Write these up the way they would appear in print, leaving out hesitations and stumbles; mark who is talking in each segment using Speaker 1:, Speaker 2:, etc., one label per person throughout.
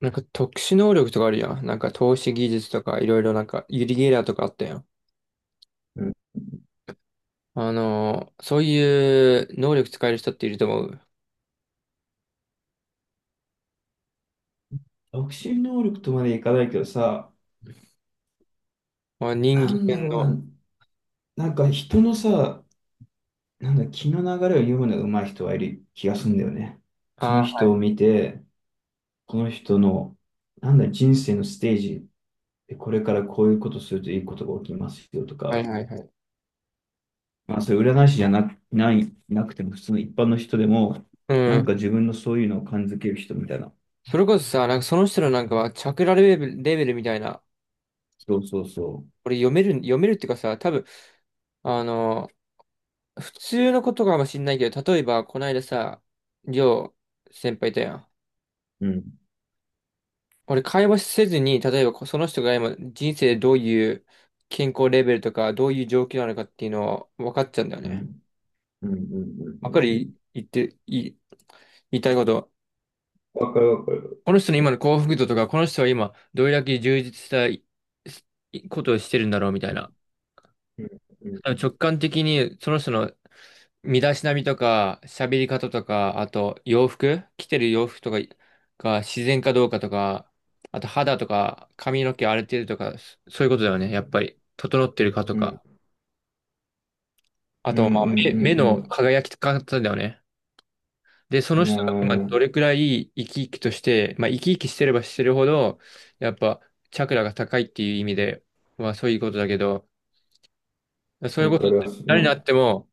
Speaker 1: なんか特殊能力とかあるやん。なんか透視技術とかいろいろなんかユリゲラーとかあったやん。
Speaker 2: うん。
Speaker 1: そういう能力使える人っていると思う。
Speaker 2: 独身能力とまでいかないけどさ、
Speaker 1: まあ、人
Speaker 2: なんだ
Speaker 1: 間
Speaker 2: ろう
Speaker 1: の。
Speaker 2: な、なんか人のさ、なんだ、気の流れを読むのが上手い人はいる気がするんだよね。その
Speaker 1: あ
Speaker 2: 人を見て、この人の、なんだ、人生のステージでこれからこういうことするといいことが起きますよと
Speaker 1: あ、はい
Speaker 2: か、
Speaker 1: はいはい。
Speaker 2: まあ、それ占い師じゃな、ない、なくても普通の一般の人でも、
Speaker 1: う
Speaker 2: なん
Speaker 1: ん。
Speaker 2: か自分のそういうのを感づける人みたいな。
Speaker 1: それこそさ、なんかその人のなんかはチャクラレベル、レベルみたいな、
Speaker 2: そうそうそ
Speaker 1: これ読める、読めるっていうかさ、多分、あのー普通のことかもしんないけど、例えばこの間さ、りょう先輩いたやん。
Speaker 2: う。うん。
Speaker 1: 俺、会話せずに、例えばその人が今人生でどういう健康レベルとか、どういう状況なのかっていうのは分かっちゃうんだよ
Speaker 2: う
Speaker 1: ね。
Speaker 2: ん。うん。うん。うん。う
Speaker 1: わか
Speaker 2: ん。うん。
Speaker 1: る言って、いい、言いたいこと。
Speaker 2: わかるわかる。
Speaker 1: この人の今の幸福度とか、この人は今どれだけ充実したいいことをしてるんだろうみたいな。
Speaker 2: うん。うん。
Speaker 1: 直感的にその人の身だしなみとか、喋り方とか、あと洋服、着てる洋服とかが自然かどうかとか、あと肌とか髪の毛荒れてるとか、そういうことだよね。やっぱり、整ってるかと
Speaker 2: うん。
Speaker 1: か。あ
Speaker 2: うん。う
Speaker 1: と、まあ、目の
Speaker 2: ん。
Speaker 1: 輝き方だよね。で、そ
Speaker 2: う
Speaker 1: の
Speaker 2: ん。うん。いや
Speaker 1: 人が今
Speaker 2: ー、
Speaker 1: どれくらい生き生きとして、まあ、生き生きしてればしてるほど、やっぱ、チャクラが高いっていう意味で、まあ、そういうことだけど、そういう
Speaker 2: だ
Speaker 1: こと、
Speaker 2: からそ
Speaker 1: 誰にな
Speaker 2: の、
Speaker 1: っても、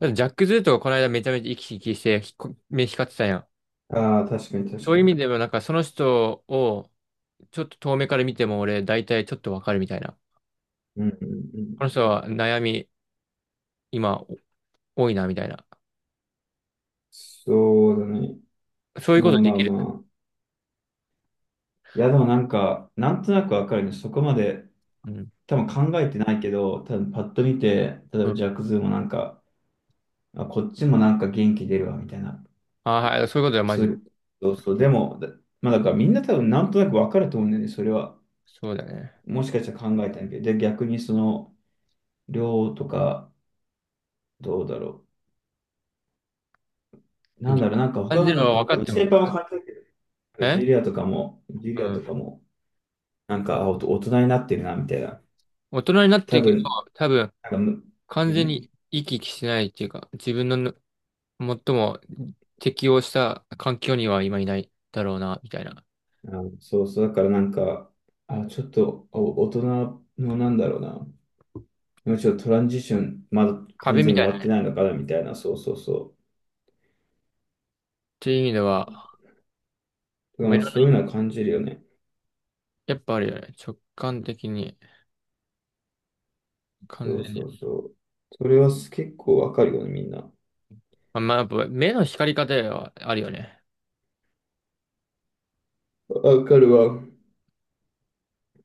Speaker 1: だってジャック・ズーとかこの間めちゃめちゃ生き生きして、ひこ目光ってたやん。
Speaker 2: ああ、確かに確
Speaker 1: そうい
Speaker 2: か
Speaker 1: う意味
Speaker 2: に。
Speaker 1: でも、なんかその人をちょっと遠目から見ても俺大体ちょっとわかるみたいな。
Speaker 2: うん。うん。う
Speaker 1: この
Speaker 2: ん。
Speaker 1: 人は悩み今多いなみたいな。
Speaker 2: そうだね。
Speaker 1: そういう
Speaker 2: ま
Speaker 1: こと
Speaker 2: あ
Speaker 1: で
Speaker 2: まあ
Speaker 1: き
Speaker 2: ま
Speaker 1: る。
Speaker 2: あ。いや、でもなんか、なんとなくわかるね。そこまで
Speaker 1: うん。
Speaker 2: 多分考えてないけど、多分パッと見て、例え
Speaker 1: う
Speaker 2: ば
Speaker 1: ん。
Speaker 2: ジャックズーもなんか、あ、こっちもなんか元気出るわ、みたいな。
Speaker 1: ああ、はい。そういうことはマ
Speaker 2: そ
Speaker 1: ジ
Speaker 2: うい
Speaker 1: で。
Speaker 2: う、そうそう。でも、まあだからみんな多分なんとなくわかると思うんだよね。それは。
Speaker 1: そうだね。
Speaker 2: もしかしたら考えたんだけど。で、逆にその、量とか、どうだろう。
Speaker 1: う
Speaker 2: な
Speaker 1: ん。
Speaker 2: んだろう、なんか
Speaker 1: 感じるのは分か
Speaker 2: 他
Speaker 1: っ
Speaker 2: の
Speaker 1: て
Speaker 2: 先
Speaker 1: も。
Speaker 2: 輩も感じたけど、なんか
Speaker 1: え、
Speaker 2: ジュリ
Speaker 1: う
Speaker 2: アと
Speaker 1: ん。
Speaker 2: かも、なんか、あ、大人になってるな、みたいな。
Speaker 1: 大人になって
Speaker 2: 多
Speaker 1: いくと
Speaker 2: 分、
Speaker 1: 多分
Speaker 2: なんかむ、
Speaker 1: 完全
Speaker 2: ね、
Speaker 1: に生き生きしてないっていうか、自分の最も適応した環境には今いないだろうな、みたいな。
Speaker 2: あの、そうそう、だからなんか、あ、ちょっと、大人の、なんだろうな、もうちょっとトランジション、まだ完
Speaker 1: 壁み
Speaker 2: 全に
Speaker 1: たい
Speaker 2: 終
Speaker 1: な
Speaker 2: わっ
Speaker 1: ね。
Speaker 2: てな
Speaker 1: っ
Speaker 2: いのかな、みたいな、そうそうそ
Speaker 1: ていう意味では、
Speaker 2: う。だか
Speaker 1: まあ、
Speaker 2: ら
Speaker 1: い
Speaker 2: まあ、
Speaker 1: ろんな、
Speaker 2: そういうのは感じるよね。
Speaker 1: やっぱあるよね。直感的に。
Speaker 2: そ
Speaker 1: 完
Speaker 2: う
Speaker 1: 全
Speaker 2: そ
Speaker 1: に。
Speaker 2: うそう。それは結構わかるよね、みんな。
Speaker 1: あ、まあ、やっぱ目の光り方はあるよね。
Speaker 2: わかるわ。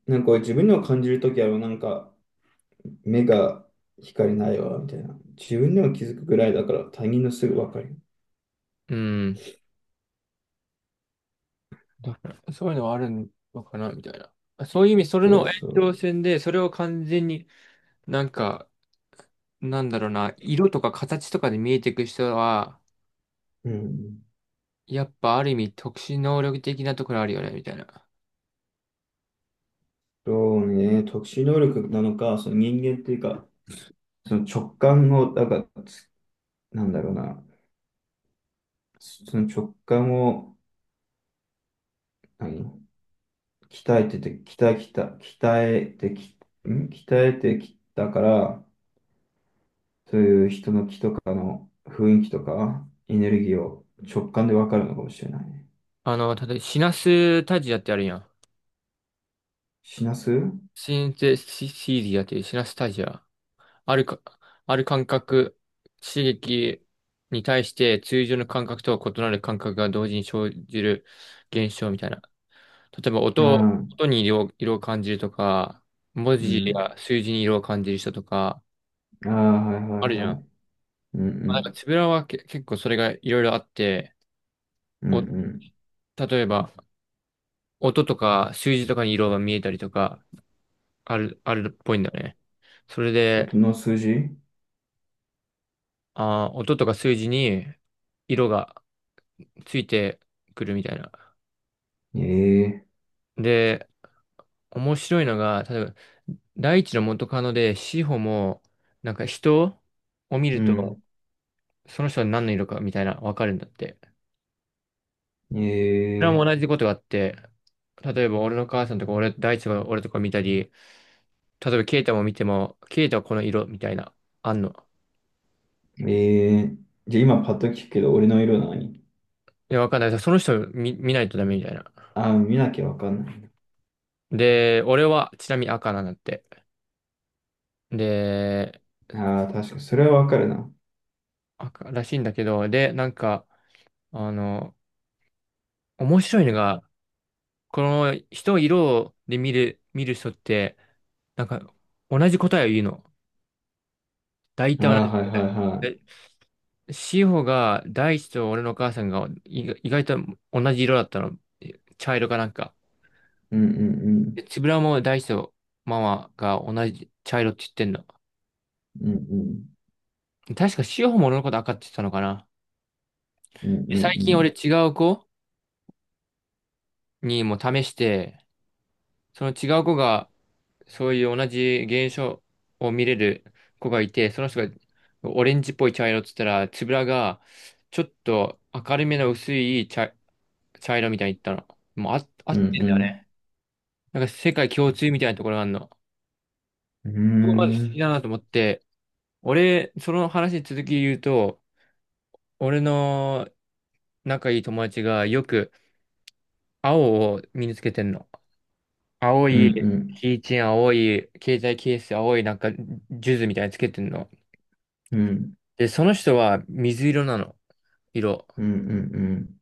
Speaker 2: なんか自分の感じるときは、なんか、目が光ないわ、みたいな。自分でも気づくぐらいだから他人のすぐ分かる。
Speaker 1: うん。だからそういうのはあるのかな、みたいな。そういう意味、それ
Speaker 2: そう
Speaker 1: の延
Speaker 2: そ
Speaker 1: 長
Speaker 2: う。
Speaker 1: 線で、それを完全になんか、なんだろうな、色とか形とかで見えていく人は、
Speaker 2: うん。
Speaker 1: やっぱある意味特殊能力的なところあるよね、みたいな。
Speaker 2: そうね、特殊能力なのか、その人間っていうか、その直感を、だから、なんだろうな、その直感を、何、鍛えてて、鍛え、鍛え、鍛えてき、ん鍛えてきたから、そういう人の気とかの雰囲気とか、エネルギーを直感で分かるのかもしれないね。
Speaker 1: あの、例えばシナスタジアってあるやん。
Speaker 2: 死なすう
Speaker 1: シンセシシーディアっていうシナスタジア。あるか、ある感覚、刺激に対して通常の感覚とは異なる感覚が同時に生じる現象みたいな。例えば音を、
Speaker 2: ん。
Speaker 1: 音に色を感じるとか、文
Speaker 2: う
Speaker 1: 字
Speaker 2: ん。
Speaker 1: や数字に色を感じる人とか、
Speaker 2: ああ、はいは
Speaker 1: あ
Speaker 2: い
Speaker 1: るじゃ
Speaker 2: は
Speaker 1: ん。
Speaker 2: い。うんう
Speaker 1: まあなんか、
Speaker 2: ん。
Speaker 1: つぶらはけ結構それがいろいろあって、
Speaker 2: うん
Speaker 1: お、
Speaker 2: うん。
Speaker 1: 例えば、音とか数字とかに色が見えたりとか、あるっぽいんだよね。それで、
Speaker 2: 音の数字
Speaker 1: あー、音とか数字に色がついてくるみたいな。
Speaker 2: ええ
Speaker 1: で、面白いのが、例えば、第一の元カノで、志保も、なんか人を見
Speaker 2: ー。う
Speaker 1: ると、
Speaker 2: ん。
Speaker 1: その人は何の色かみたいな、わかるんだって。それも
Speaker 2: え
Speaker 1: 同
Speaker 2: え
Speaker 1: じことがあって、例えば俺の母さんとか俺、大地が俺とか見たり、例えばケイタも見ても、ケイタはこの色みたいな、あんの。
Speaker 2: ー。ええー。じゃあ今パッと聞くけど、俺の色何？
Speaker 1: いや、わかんない。その人見ないとダメみたいな。
Speaker 2: ああー、見なきゃわかんない
Speaker 1: で、俺はちなみに赤なんだって。で、
Speaker 2: な。ああ、確かに。それはわかるな。
Speaker 1: 赤らしいんだけど、で、なんか、あの、面白いのが、この人を色で見る人って、なんか同じ答えを言うの。大
Speaker 2: あ
Speaker 1: 体同
Speaker 2: あ、
Speaker 1: じ。
Speaker 2: はいはいは
Speaker 1: で志保が大地と俺のお母さんが意外と同じ色だったの。茶色かなんか。
Speaker 2: い。うんう
Speaker 1: で
Speaker 2: ん
Speaker 1: つぶらも大地とママが同じ茶色って言ってんの。
Speaker 2: うん。うんうん。
Speaker 1: 確か志保も俺のこと赤って言ってたのかな。
Speaker 2: うんうん
Speaker 1: で
Speaker 2: う
Speaker 1: 最近俺
Speaker 2: ん。
Speaker 1: 違う子にも試して、その違う子がそういう同じ現象を見れる子がいて、その人がオレンジっぽい茶色って言ったら、つぶらがちょっと明るめの薄い茶色みたいに言ったの。もうあ、合
Speaker 2: うん
Speaker 1: ってんだ
Speaker 2: う
Speaker 1: よ
Speaker 2: ん。
Speaker 1: ね。なんか世界共通みたいなところがあるの。
Speaker 2: うー
Speaker 1: そこまず好き
Speaker 2: ん。
Speaker 1: だなと思って、俺、その話に続き言うと、俺の仲いい友達がよく青を身につけてんの。青
Speaker 2: うん
Speaker 1: い、
Speaker 2: うん。
Speaker 1: キーチェーン青い、携帯ケース青い、なんか、ジュズみたいにつけてんの。
Speaker 2: うん
Speaker 1: で、その人は水色なの。色。
Speaker 2: うんうん。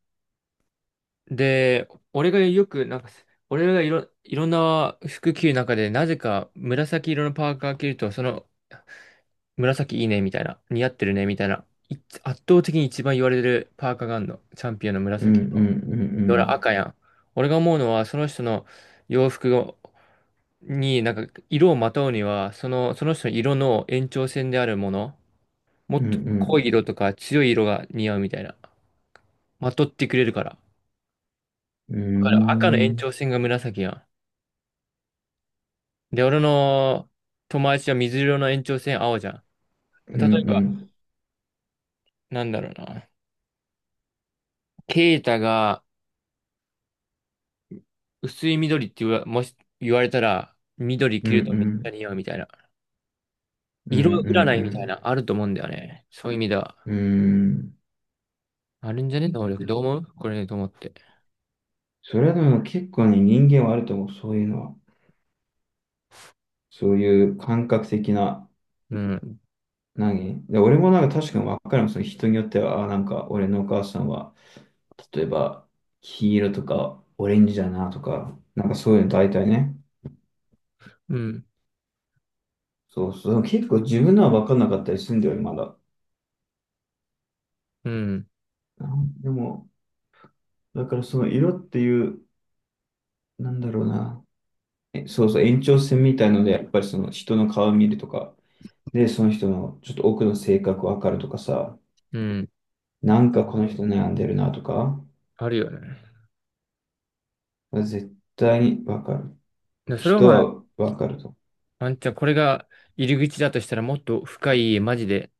Speaker 1: で、俺がよく、なんか、俺がいろんな服着る中で、なぜか紫色のパーカー着ると、その、紫いいね、みたいな。似合ってるね、みたいな。い圧倒的に一番言われるパーカーがあるの。チャンピオンの
Speaker 2: うんう
Speaker 1: 紫。
Speaker 2: んう
Speaker 1: で俺
Speaker 2: ん。
Speaker 1: 赤やん。俺が思うのは、その人の洋服をに、なんか、色をまとうには、その、その人の色の延長線であるもの、も
Speaker 2: う
Speaker 1: っと濃い
Speaker 2: ん
Speaker 1: 色とか強い色が似合うみたいな。まとってくれるから。
Speaker 2: うんう
Speaker 1: か
Speaker 2: ん。
Speaker 1: る赤の
Speaker 2: うんう
Speaker 1: 延
Speaker 2: ん。
Speaker 1: 長線が紫やん。で、俺の友達は水色の延長線青じゃん。
Speaker 2: うん
Speaker 1: 例
Speaker 2: う
Speaker 1: えば、
Speaker 2: ん。
Speaker 1: なんだろうな。ケイタが薄い緑って言わ、もし言われたら、緑
Speaker 2: う
Speaker 1: 着
Speaker 2: んう
Speaker 1: るとめっちゃ
Speaker 2: ん。
Speaker 1: 似合うみたいな。
Speaker 2: うんう
Speaker 1: 色占いみたい
Speaker 2: ん
Speaker 1: な、あると思うんだよね。そういう意味では。
Speaker 2: うん。うん。
Speaker 1: あるんじゃね能力。どう思うこれねと思って。
Speaker 2: それはでも結構ね、人間はあると思う、そういうのは。そういう感覚的な、
Speaker 1: うん。
Speaker 2: 俺もなんか確かに分かるもん、その人によっては、あ、なんか俺のお母さんは、例えば、黄色とかオレンジだなとか、なんかそういうの大体ね。
Speaker 1: うん。
Speaker 2: そうそう。結構自分のは分かんなかったりするんだよね、まだ。
Speaker 1: うん。
Speaker 2: なんでも、だからその色っていう、なんだろうな。そうそう、延長線みたいので、やっぱりその人の顔見るとか、で、その人のちょっと奥の性格わかるとかさ、
Speaker 1: うん。
Speaker 2: なんかこの人悩んでるなとか、
Speaker 1: あるよね。
Speaker 2: 絶対にわかる。
Speaker 1: で、それは
Speaker 2: 人
Speaker 1: まあ、
Speaker 2: はわかると。
Speaker 1: あんちゃん、これが入り口だとしたら、もっと深い、マジで、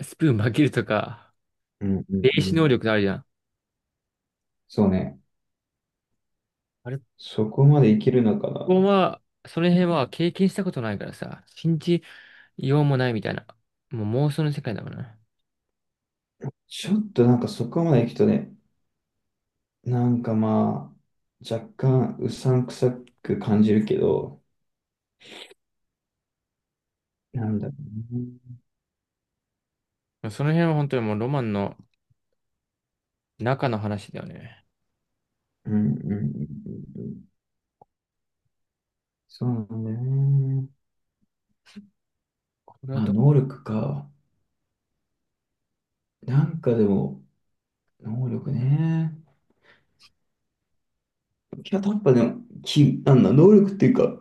Speaker 1: スプーン曲げるとか、
Speaker 2: うんうん
Speaker 1: 霊
Speaker 2: う
Speaker 1: 視能
Speaker 2: ん。
Speaker 1: 力あるじゃん。
Speaker 2: そうね。
Speaker 1: あれ
Speaker 2: そこまでいけるのかな。
Speaker 1: ここは、その辺は経験したことないからさ、信じようもないみたいな。もう妄想の世界だもんな。
Speaker 2: ちょっとなんかそこまで行くとね、なんかまあ、若干うさんくさく感じるけど、なんだろうね。
Speaker 1: その辺は本当にもうロマンの中の話だよね。
Speaker 2: うんうんうんうんうん。そうなんだよね。
Speaker 1: これは
Speaker 2: まあ
Speaker 1: ど、
Speaker 2: 能力か。なんかでも、能力ね。キャタッパでもき、なんだ、能力っていうか、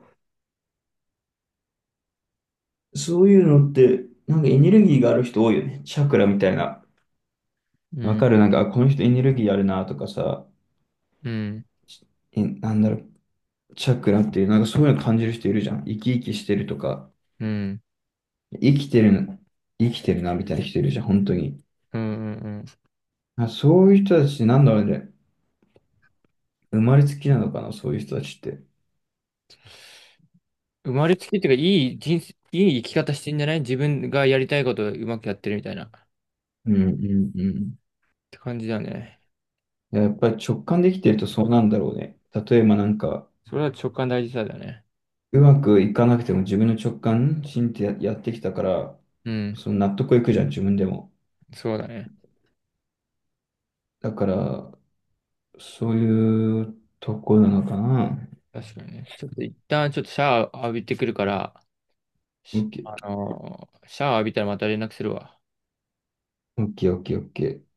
Speaker 2: そういうのって、なんかエネルギーがある人多いよね。チャクラみたいな。
Speaker 1: う
Speaker 2: わ
Speaker 1: ん、
Speaker 2: かるなんか、あこの人エネルギーあるなとかさ、
Speaker 1: うん、
Speaker 2: え、なんだろう、チャクラっていう、なんかそういうの感じる人いるじゃん。生き生きしてるとか、
Speaker 1: うん、
Speaker 2: 生きてる生きてるなみたいな人いるじゃん、本当に。
Speaker 1: うん、うん。うん、
Speaker 2: あ、そういう人たち、なんだろうね、生まれつきなのかな、そういう人たちって。
Speaker 1: 生まれつきっていうか、いい人生、いい生き方してんじゃない自分がやりたいことをうまくやってるみたいな。っ
Speaker 2: うんうんうん。
Speaker 1: て感じだよね。
Speaker 2: やっぱり直感できてるとそうなんだろうね。例えばなんか、
Speaker 1: それは直感大事さだよね。
Speaker 2: うまくいかなくても自分の直感、信じてや、やってきたから、
Speaker 1: うん、
Speaker 2: その納得いくじゃん、自分でも。
Speaker 1: そうだね。
Speaker 2: だから、そういうとこなのかな。
Speaker 1: 確かにね。ちょっと一旦ちょっとシャワー浴びてくるから、
Speaker 2: オ
Speaker 1: し
Speaker 2: ッケー、
Speaker 1: シャワー浴びたらまた連絡するわ。
Speaker 2: オッケー、オッケー。